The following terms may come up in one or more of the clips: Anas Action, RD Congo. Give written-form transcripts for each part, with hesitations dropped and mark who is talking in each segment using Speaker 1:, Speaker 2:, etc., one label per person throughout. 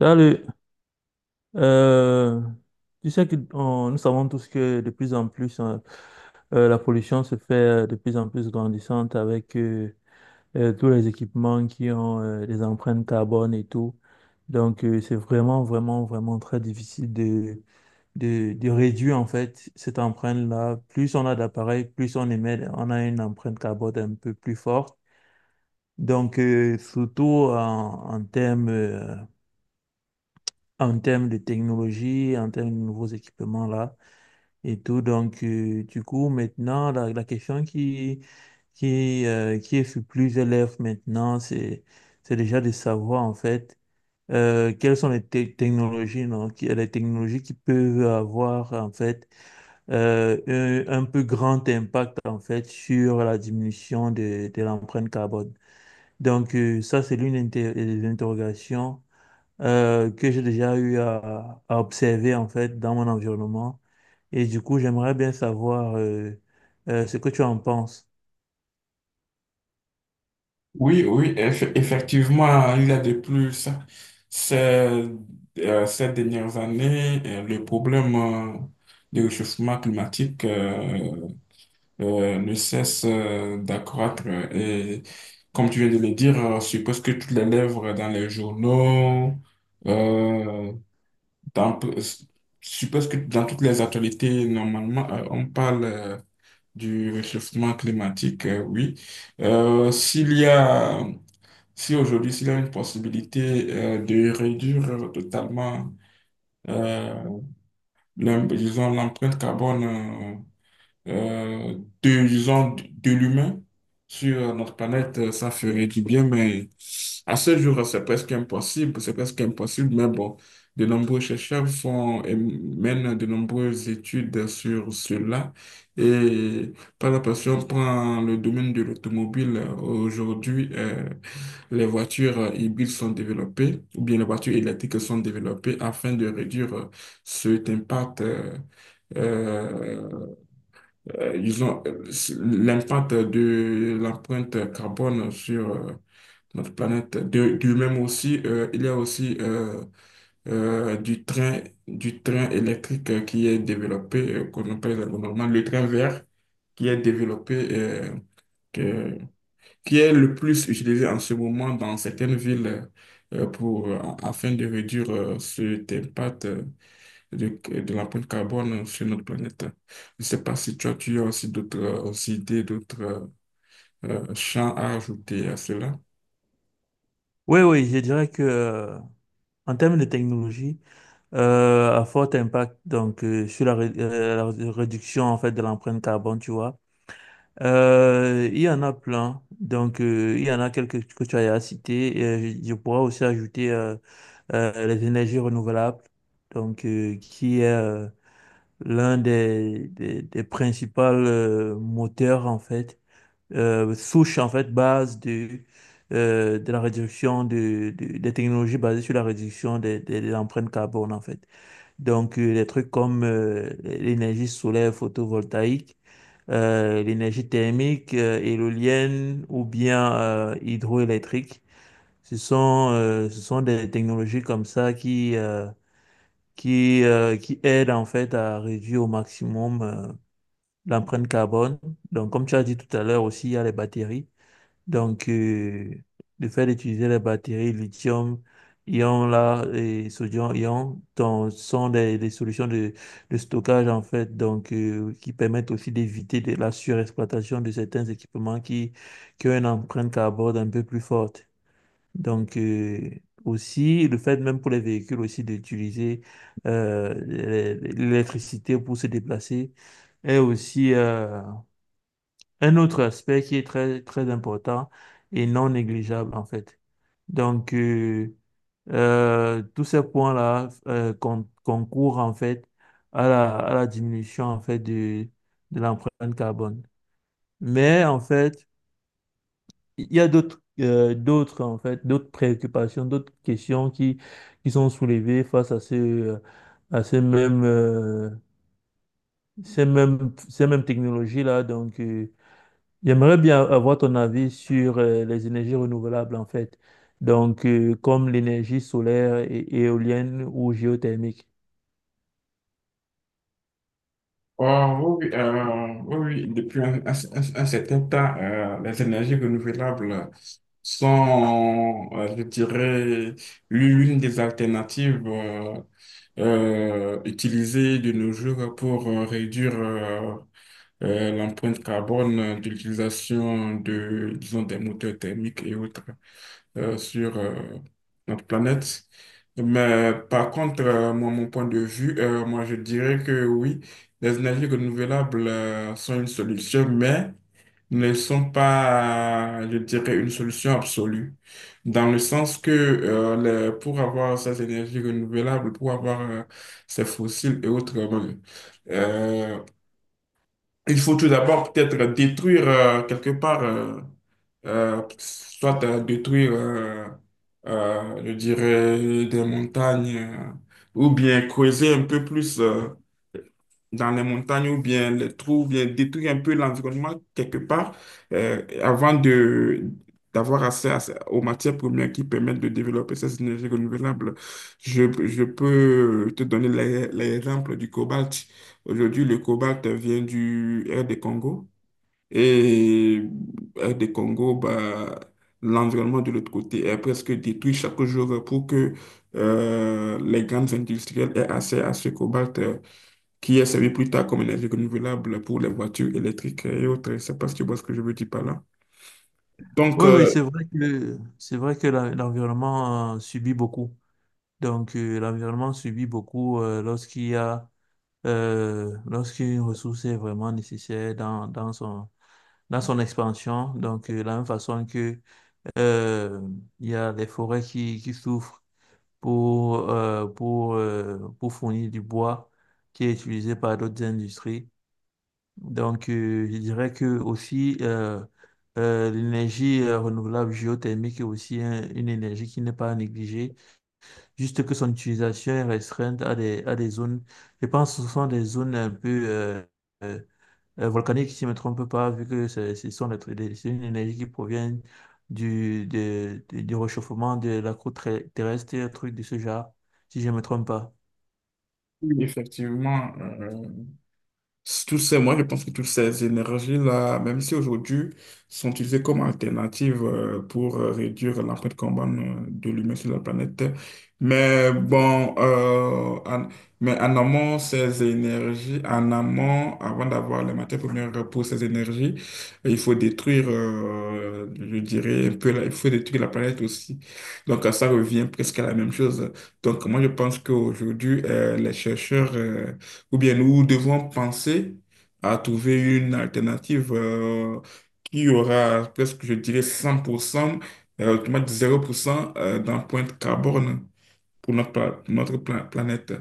Speaker 1: Salut. Euh, tu sais que on- nous savons tous que de plus en plus, hein, la pollution se fait de plus en plus grandissante avec tous les équipements qui ont des empreintes carbone et tout. Donc, c'est vraiment, vraiment, vraiment très difficile de réduire en fait cette empreinte-là. Plus on a d'appareils, plus on émet, on a une empreinte carbone un peu plus forte. Donc, surtout en termes euh, en termes de technologie, en termes de nouveaux équipements là et tout. Donc, du coup, maintenant, la question qui est sur plusieurs lèvres maintenant, c'est déjà de savoir en fait quelles sont technologies, non, les technologies qui peuvent avoir en fait un peu grand impact en fait sur la diminution de l'empreinte carbone. Donc, ça, c'est des interrogations que j'ai déjà eu à observer en fait dans mon environnement. Et du coup, j'aimerais bien savoir ce que tu en penses.
Speaker 2: Oui, oui, effectivement, il y a de plus. Ces, Ces dernières années, le problème du réchauffement climatique ne cesse d'accroître. Et comme tu viens de le dire, je suppose que toutes les lèvres dans les journaux, euh, je suppose que dans toutes les actualités, normalement, on parle du réchauffement climatique, oui. S'il y a Si aujourd'hui, s'il y a une possibilité de réduire totalement, euh, disons, l'empreinte carbone, euh, de, disons, de l'humain sur notre planète, ça ferait du bien, mais à ce jour, c'est presque impossible, mais bon, de nombreux chercheurs font et mènent de nombreuses études sur cela. Et par la passion, on prend le domaine de l'automobile. Aujourd'hui, les voitures hybrides sont développées, ou bien les voitures électriques sont développées afin de réduire cet impact, euh, ils ont l'impact de l'empreinte carbone sur notre planète. De, du même aussi, il y a aussi euh, du train, du train électrique qui est développé, qu'on appelle normalement le train vert, qui est développé, que- qui est le plus utilisé en ce moment dans certaines villes euh, pour, euh, afin de réduire cet impact, de, de l'empreinte carbone sur notre planète. Je ne sais pas si toi, tu as aussi d'autres, aussi idées, d'autres, champs à ajouter à cela.
Speaker 1: Oui, oui, je dirais que en termes de technologie, à fort impact donc sur la réduction en fait de l'empreinte carbone, tu vois. Il y en a plein. Donc, il y en a quelques que tu as cité. Et je pourrais aussi ajouter les énergies renouvelables, donc qui est l'un des principaux moteurs, en fait, souche, en fait, base de la réduction des technologies basées sur la réduction de l'empreinte carbone, en fait. Donc, des trucs comme l'énergie solaire photovoltaïque, l'énergie thermique, éolienne ou bien hydroélectrique. Ce sont des technologies comme ça qui aident en fait à réduire au maximum l'empreinte carbone. Donc, comme tu as dit tout à l'heure aussi, il y a les batteries. Donc, le fait d'utiliser les batteries lithium, ion là, et sodium ion, donc, sont des solutions de stockage en fait, donc qui permettent aussi d'éviter de la surexploitation de certains équipements qui ont une empreinte carbone un peu plus forte. Donc, aussi, le fait même pour les véhicules aussi d'utiliser l'électricité pour se déplacer est aussi un autre aspect qui est très, très important et non négligeable en fait. Donc, tous ces points-là concourent en fait à la diminution en fait de l'empreinte carbone. Mais en fait, il y a d'autres d'autres en fait, d'autres préoccupations, d'autres questions qui sont soulevées face à ce, à ces ces mêmes technologies-là. Donc, j'aimerais bien avoir ton avis sur les énergies renouvelables en fait. Donc, comme l'énergie solaire et éolienne ou géothermique.
Speaker 2: Oh, oui, oui, oui, oui, depuis un certain temps, les énergies renouvelables sont, je dirais, l'une des alternatives utilisées de nos jours pour réduire l'empreinte carbone de l'utilisation de, disons, des moteurs thermiques et autres, sur notre planète. Mais par contre, moi, mon point de vue, moi, je dirais que oui, les énergies renouvelables sont une solution, mais ne sont pas, je dirais, une solution absolue. Dans le sens que pour avoir ces énergies renouvelables, pour avoir ces fossiles et autres, euh, il faut tout d'abord peut-être détruire quelque part. Soit à détruire, je dirais, des montagnes, ou bien creuser un peu plus dans les montagnes, ou bien les trous, ou bien détruire un peu l'environnement quelque part, avant de d'avoir accès aux matières premières qui permettent de développer ces énergies renouvelables. Je peux te donner l'exemple du cobalt. Aujourd'hui, le cobalt vient du R des Congo. Et RD Congo, bah, l'environnement de l'autre côté est presque détruit chaque jour pour que les grandes industrielles aient accès à ce cobalt, qui est servi plus tard comme énergie renouvelable pour les voitures électriques et autres. Je sais pas si tu vois ce que je veux dire par là. Donc,
Speaker 1: Oui, oui, c'est vrai que l'environnement subit beaucoup. Donc, l'environnement subit beaucoup lorsqu'il y a lorsqu'une ressource est vraiment nécessaire dans son expansion. Donc, de la même façon que euh, il y a des forêts qui souffrent pour, pour fournir du bois qui est utilisé par d'autres industries. Donc, je dirais que aussi l'énergie renouvelable géothermique est aussi une énergie qui n'est pas négligée. Juste que son utilisation est restreinte à des zones, je pense que ce sont des zones un peu euh, volcaniques, si je ne me trompe pas, vu que ce sont c'est une énergie qui provient du réchauffement de la croûte terrestre, un truc de ce genre, si je ne me trompe pas.
Speaker 2: oui, effectivement, tout ces, moi, je pense que toutes ces énergies-là, même si aujourd'hui, sont utilisées comme alternative pour réduire l'empreinte carbone de l'humain sur la planète. Mais bon, euh, en, mais en amont, ces énergies, en amont, avant d'avoir les matières premières pour ces énergies, il faut détruire, je dirais, un peu, il faut détruire la planète aussi. Donc, ça revient presque à la même chose. Donc, moi, je pense qu'aujourd'hui, les chercheurs, ou bien nous devons penser à trouver une alternative qui aura presque, je dirais, 100%, autrement dit 0% d'empreinte carbone pour notre, pour notre planète.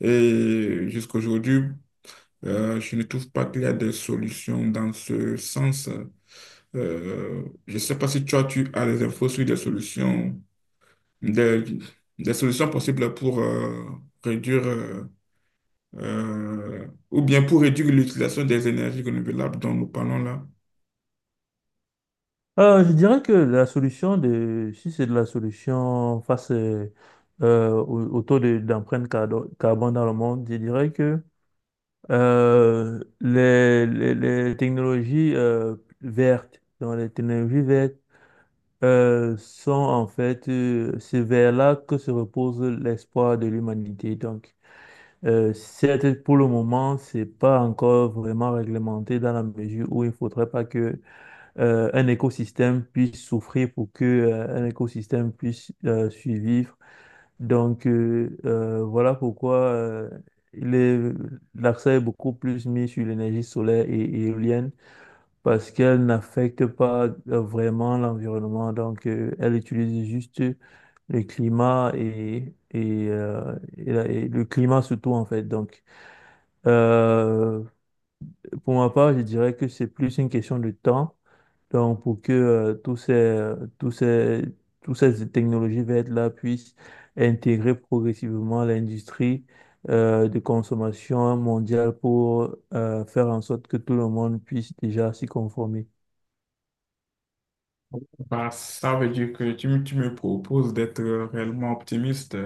Speaker 2: Et jusqu'à aujourd'hui, je ne trouve pas qu'il y a des solutions dans ce sens. Je ne sais pas si toi, tu as des infos sur des, des solutions possibles pour réduire ou bien pour réduire l'utilisation des énergies renouvelables dont nous parlons là.
Speaker 1: Je dirais que la solution de, si c'est de la solution face au, au taux d'empreinte carbone dans le monde, je dirais que les technologies vertes, dans les technologies vertes sont en fait c'est vers là que se repose l'espoir de l'humanité. Donc, certes, pour le moment, c'est pas encore vraiment réglementé dans la mesure où il faudrait pas que un écosystème puisse souffrir pour que un écosystème puisse survivre. Donc, voilà pourquoi il est- l'accent est beaucoup plus mis sur l'énergie solaire et éolienne parce qu'elle n'affecte pas vraiment l'environnement. Donc, elle utilise juste le climat et le climat surtout, en fait. Donc, euh, pour ma part, je dirais que c'est plus une question de temps donc, pour que tous ces, toutes ces technologies vertes-là puissent intégrer progressivement l'industrie de consommation mondiale pour faire en sorte que tout le monde puisse déjà s'y conformer.
Speaker 2: Bah, ça veut dire que tu me proposes d'être réellement optimiste,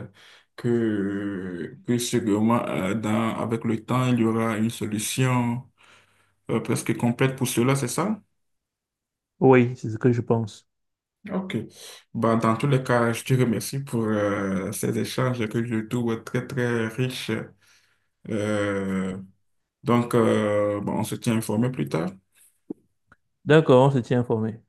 Speaker 2: que sûrement, avec le temps, il y aura une solution presque complète pour cela, c'est ça?
Speaker 1: Oui, c'est ce que je pense.
Speaker 2: Ok. Bah, dans tous les cas, je te remercie pour ces échanges que je trouve très, très riches. Euh, bon, on se tient informé plus tard.
Speaker 1: D'accord, on se tient informé.